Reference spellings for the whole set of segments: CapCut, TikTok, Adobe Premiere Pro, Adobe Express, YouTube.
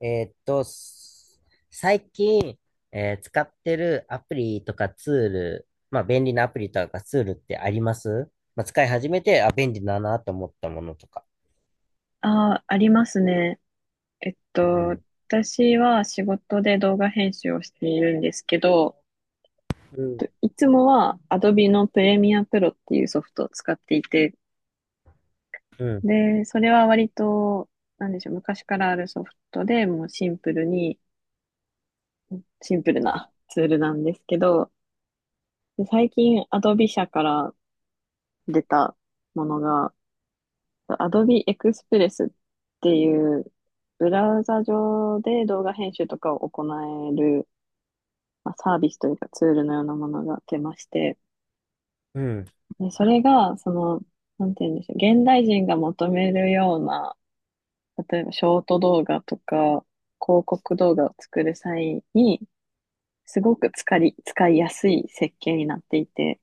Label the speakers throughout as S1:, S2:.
S1: えーっと、す最近、使ってるアプリとかツール、まあ便利なアプリとかツールってあります？まあ使い始めて、あ、便利だなと思ったものとか。
S2: ああ、ありますね。えっと、
S1: うん。
S2: 私は仕事で動画編集をしているんですけど、
S1: うん。
S2: いつもは Adobe のプレミアプロっていうソフトを使っていて、
S1: うん。
S2: で、それは割と、なんでしょう、昔からあるソフトでもうシンプルな ツールなんですけど、で、最近 Adobe 社から出たものが、Adobe Express っていうブラウザ上で動画編集とかを行える、まあ、サービスというかツールのようなものが出まして、
S1: うん。
S2: で、それが、その、なんて言うんでしょう、現代人が求めるような、例えばショート動画とか、広告動画を作る際に、すごく使いやすい設計になっていて、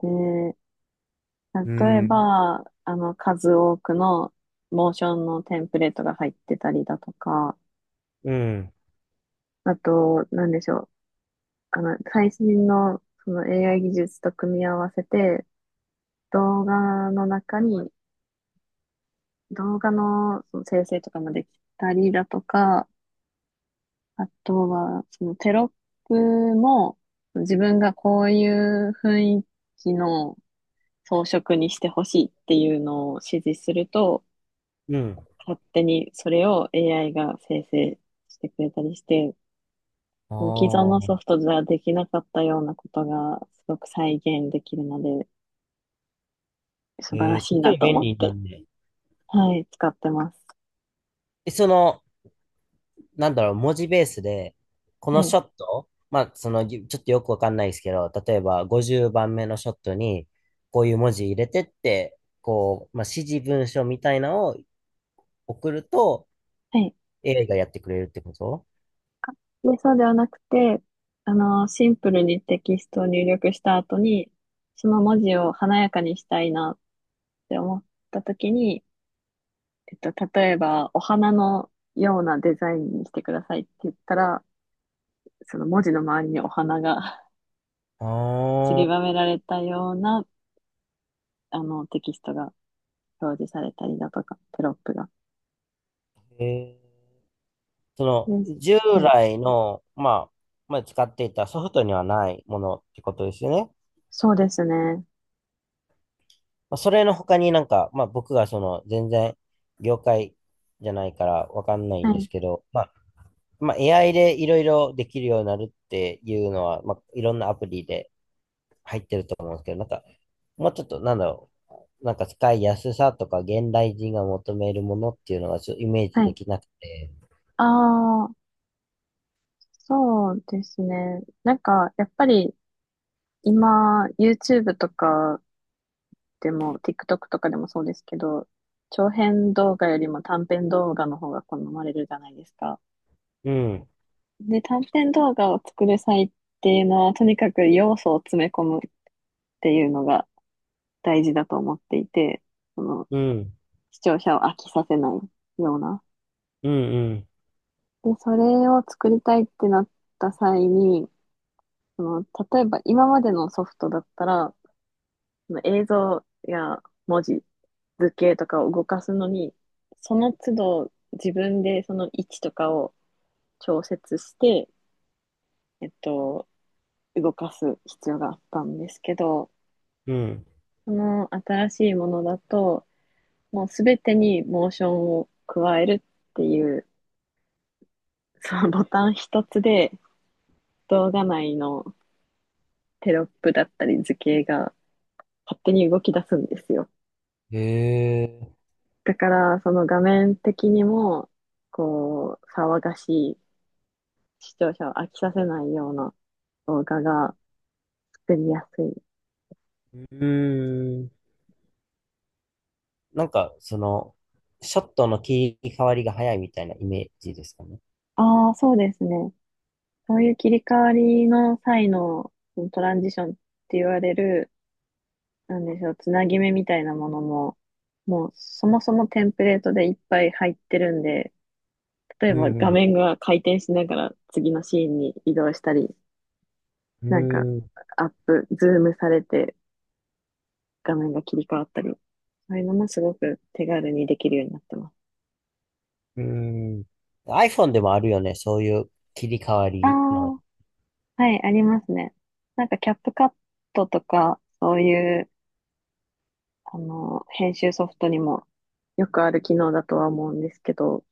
S2: で、
S1: う
S2: 例え
S1: ん。
S2: ば、数多くのモーションのテンプレートが入ってたりだとか、
S1: うん。
S2: あと、なんでしょう、最新のその AI 技術と組み合わせて、動画の中に、動画のその生成とかもできたりだとか、あとは、そのテロップも、自分がこういう雰囲気の装飾にしてほしいっていうのを指示すると、
S1: うん。
S2: 勝手にそれを AI が生成してくれたりして、
S1: あ
S2: 既存
S1: あ
S2: のソ
S1: ー。
S2: フトじゃできなかったようなことがすごく再現できるので、素晴らしい
S1: て
S2: な
S1: も
S2: と
S1: 便
S2: 思っ
S1: 利な
S2: て、
S1: んで。
S2: はい、使ってます。
S1: その、なんだろう、文字ベースで、こ
S2: は
S1: のシ
S2: い。
S1: ョット、まあ、その、ちょっとよくわかんないですけど、例えば50番目のショットに、こういう文字入れてって、こう、まあ、指示文書みたいなのを送ると、
S2: はい。
S1: AI がやってくれるってこと？
S2: で、そうではなくて、シンプルにテキストを入力した後に、その文字を華やかにしたいなって思った時に、えっと、例えば、お花のようなデザインにしてくださいって言ったら、その文字の周りにお花が
S1: あ
S2: 散りばめ
S1: あ
S2: られたような、テキストが表示されたりだとか、テロップが。
S1: ー。えその、
S2: です。
S1: 従
S2: はい。
S1: 来の、まあ、使っていたソフトにはないものってことですよね。
S2: そうですね。
S1: まあ、それの他になんか、まあ、僕がその、全然、業界じゃないからわかんない
S2: は
S1: んで
S2: い。
S1: すけど、まあ、AI でいろいろできるようになるっていうのは、まあ、いろんなアプリで入ってると思うんですけど、なんか、もうちょっと、なんだろう、なんか使いやすさとか、現代人が求めるものっていうのがちょっとイメージ
S2: は
S1: で
S2: い。
S1: きなくて。
S2: ああ、そうですね。なんか、やっぱり、今、YouTube とかでも、TikTok とかでもそうですけど、長編動画よりも短編動画の方が好まれるじゃないですか。
S1: うん、
S2: で、短編動画を作る際っていうのは、とにかく要素を詰め込むっていうのが大事だと思っていて、その、
S1: うん、
S2: 視聴者を飽きさせないような。
S1: うん、うん、
S2: で、それを作りたいってなった際に、その、例えば今までのソフトだったら、その映像や文字、図形とかを動かすのに、その都度自分でその位置とかを調節して、えっと、動かす必要があったんですけど、
S1: うん。
S2: その新しいものだと、もうすべてにモーションを加えるっていう、そのボタン一つで動画内のテロップだったり図形が勝手に動き出すんですよ。
S1: へえ。
S2: だから、その画面的にも、こう、騒がしい視聴者を飽きさせないような動画が作りやすい。
S1: うーん。なんか、その、ショットの切り替わりが早いみたいなイメージですかね。
S2: ああ、そうですね。そういう切り替わりの際のトランジションって言われる、なんでしょう、つなぎ目みたいなものも、もうそもそもテンプレートでいっぱい入ってるんで、例え
S1: う
S2: ば
S1: ん、う
S2: 画
S1: ん、
S2: 面が回転しながら次のシーンに移動したり、なんかアップ、ズームされて画面が切り替わったり、そういうのもすごく手軽にできるようになってます。
S1: うん、うん。iPhone でもあるよね、そういう切り替わ
S2: ああ、
S1: りの。
S2: はい、ありますね。なんか、キャップカットとか、そういう、編集ソフトにもよくある機能だとは思うんですけど、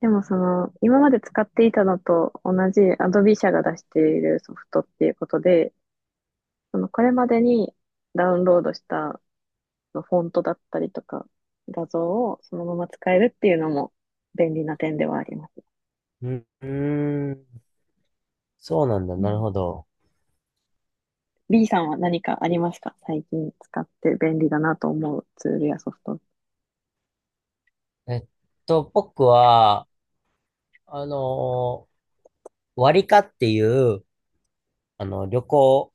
S2: でもその、今まで使っていたのと同じ Adobe 社が出しているソフトっていうことで、その、これまでにダウンロードしたフォントだったりとか、画像をそのまま使えるっていうのも便利な点ではあります。
S1: うーん。そうなんだ。
S2: う
S1: なる
S2: ん。
S1: ほど。
S2: B さんは何かありますか、最近使って便利だなと思うツールやソフト？
S1: えっ僕は、あの割りかっていう、あの、旅行、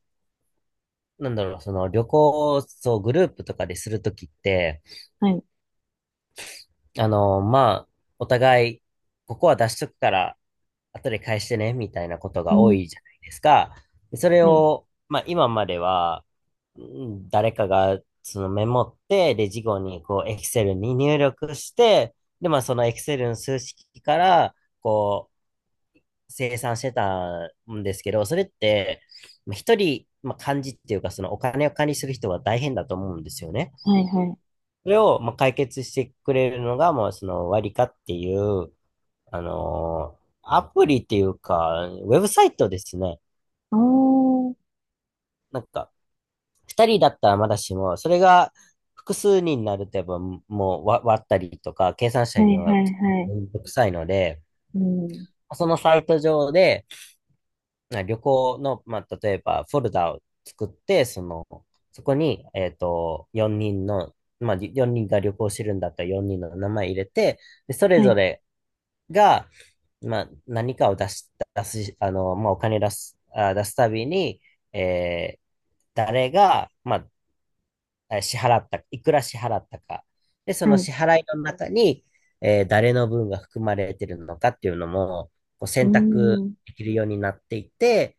S1: なんだろう、その旅行をそうグループとかでするときって、
S2: はい。
S1: あのまあ、お互い、ここは出しとくから、後で返してね、みたいなこと
S2: う
S1: が多
S2: ん。
S1: いじゃないですか。でそれ
S2: はい。
S1: を、まあ今までは、う誰かがそのメモって、で、事後にこう、エクセルに入力して、で、まあそのエクセルの数式から、こう、生産してたんですけど、それって、まあ一人、まあ、幹事っていうか、そのお金を管理する人が大変だと思うんですよね。
S2: はい、はい。
S1: それを、まあ、解決してくれるのが、もうその割りかっていう、アプリっていうか、ウェブサイトですね。
S2: おー。
S1: なんか、二人だったらまだしも、それが複数人になると、やっぱもう割ったりとか、計算し
S2: は
S1: た
S2: い、
S1: りの
S2: は
S1: が
S2: い、はい。
S1: めんどくさいので、
S2: うん。
S1: そのサイト上で、旅行の、まあ、例えばフォルダを作って、その、そこに、4人の、まあ、4人が旅行してるんだったら4人の名前入れて、で、それ
S2: は
S1: ぞ
S2: い、
S1: れが、まあ、何かを出す、あの、まあ、お金出す、あ、出すたびに、えー誰が、まあ、支払った、いくら支払ったか。で、そ
S2: は
S1: の
S2: い。
S1: 支払いの中に、誰の分が含まれてるのかっていうのも、こう
S2: う
S1: 選択
S2: ん。
S1: できるようになっていて、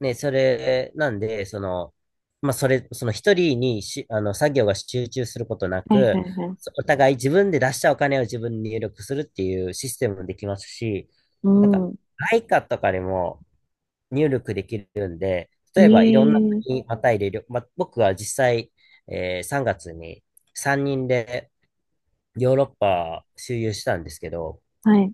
S1: ね、それ、なんで、その、まあ、それ、その一人にし、あの、作業が集中することな
S2: はい、は
S1: く、
S2: い、はい。
S1: お互い自分で出したお金を自分に入力するっていうシステムもできますし、
S2: う
S1: なんか、
S2: ん。
S1: イカとかでも入力できるんで、
S2: え
S1: 例えばいろんな
S2: え
S1: 国
S2: ー、
S1: にまたいでま、僕は実際、3月に3人でヨーロッパ周遊したんですけど、
S2: はい、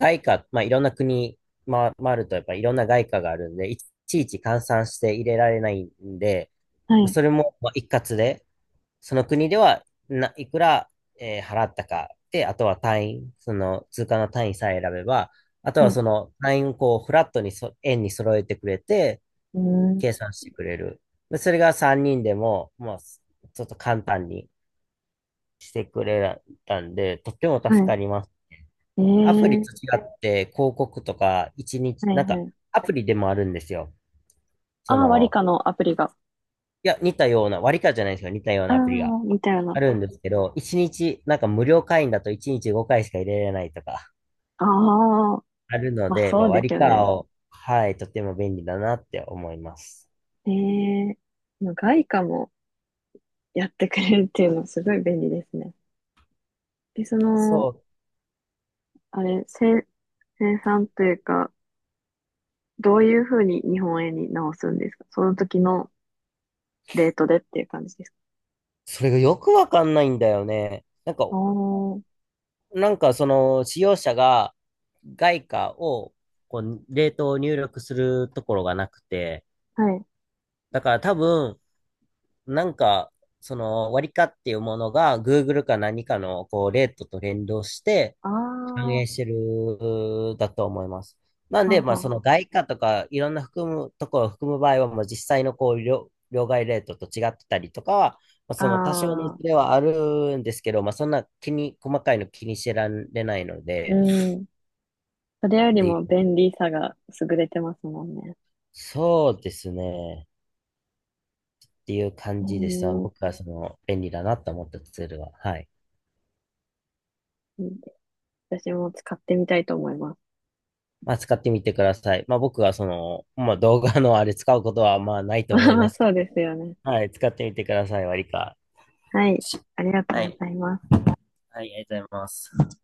S1: 外貨、まあ、いろんな国回ると、やっぱいろんな外貨があるんで、いちいち換算して入れられないんで、
S2: は
S1: まあ
S2: い、
S1: それもまあ一括で、その国ではいくら、払ったか、で、あとは単位、その通貨の単位さえ選べば、あと
S2: は
S1: は
S2: い。
S1: その単位をこうフラットに円に揃えてくれて、
S2: うん。
S1: 計算してくれる。でそれが3人でも、まあ、ちょっと簡単にしてくれたんで、とっても
S2: は
S1: 助かります。
S2: い。ええ
S1: アプリと
S2: ー、
S1: 違って広告とか一日、
S2: はい、
S1: なん
S2: は
S1: か
S2: い。
S1: アプリでもあるんですよ。そ
S2: ああ、ワリ
S1: の、
S2: カのアプリが。
S1: いや、似たような、割り勘じゃないんですよ。似たよう
S2: あ
S1: なアプリが
S2: あ、みたいな。
S1: あるんですけど、一日、なんか無料会員だと一日5回しか入れられないとか
S2: ああ、
S1: あるの
S2: まあ
S1: で、ま
S2: そ
S1: あ、
S2: うで
S1: 割
S2: す
S1: り
S2: よ
S1: 勘
S2: ね。
S1: を、はい、とても便利だなって思います。
S2: ええー、外貨もやってくれるっていうのはすごい便利ですね。で、そ
S1: そ
S2: の、
S1: う。
S2: あれ、生産というか、どういうふうに日本円に直すんですか、その時のレートでっていう感じですか？
S1: それがよくわかんないんだよね。なんか、
S2: あー、
S1: その使用者が外貨をこうレートを入力するところがなくて、
S2: はい。
S1: だから多分、なんか、その割り価っていうものが Google か何かのこうレートと連動して
S2: ああ、
S1: 反
S2: は
S1: 映してるだと思います。なん
S2: あ
S1: で、まあその
S2: は
S1: 外貨とかいろんな含むところを含む場合は、まあ実際のこう両替レートと違ってたりとかは、まあ、
S2: あ
S1: その多少の
S2: はあ。あ
S1: ズ
S2: あ、
S1: レはあるんですけど、まあそんな細かいの気にしてられないので、
S2: うん。それよ
S1: っ
S2: り
S1: てい
S2: も
S1: う
S2: 便利さが優れてますもんね。
S1: そうですね。っていう
S2: う
S1: 感じでした。
S2: ん。
S1: 僕はその便利だなと思ったツールは。はい。
S2: 私も使ってみたいと思います。
S1: まあ、使ってみてください。まあ、僕はその、まあ、動画のあれ使うことはまあない と
S2: ま
S1: 思
S2: あ
S1: い
S2: ま
S1: ま
S2: あ、
S1: すけ
S2: そうです
S1: ど、
S2: よね。
S1: はい、使ってみてください、割か。
S2: はい。ありがと
S1: は
S2: うご
S1: い、
S2: ざいます。
S1: はい、ありがとうございます。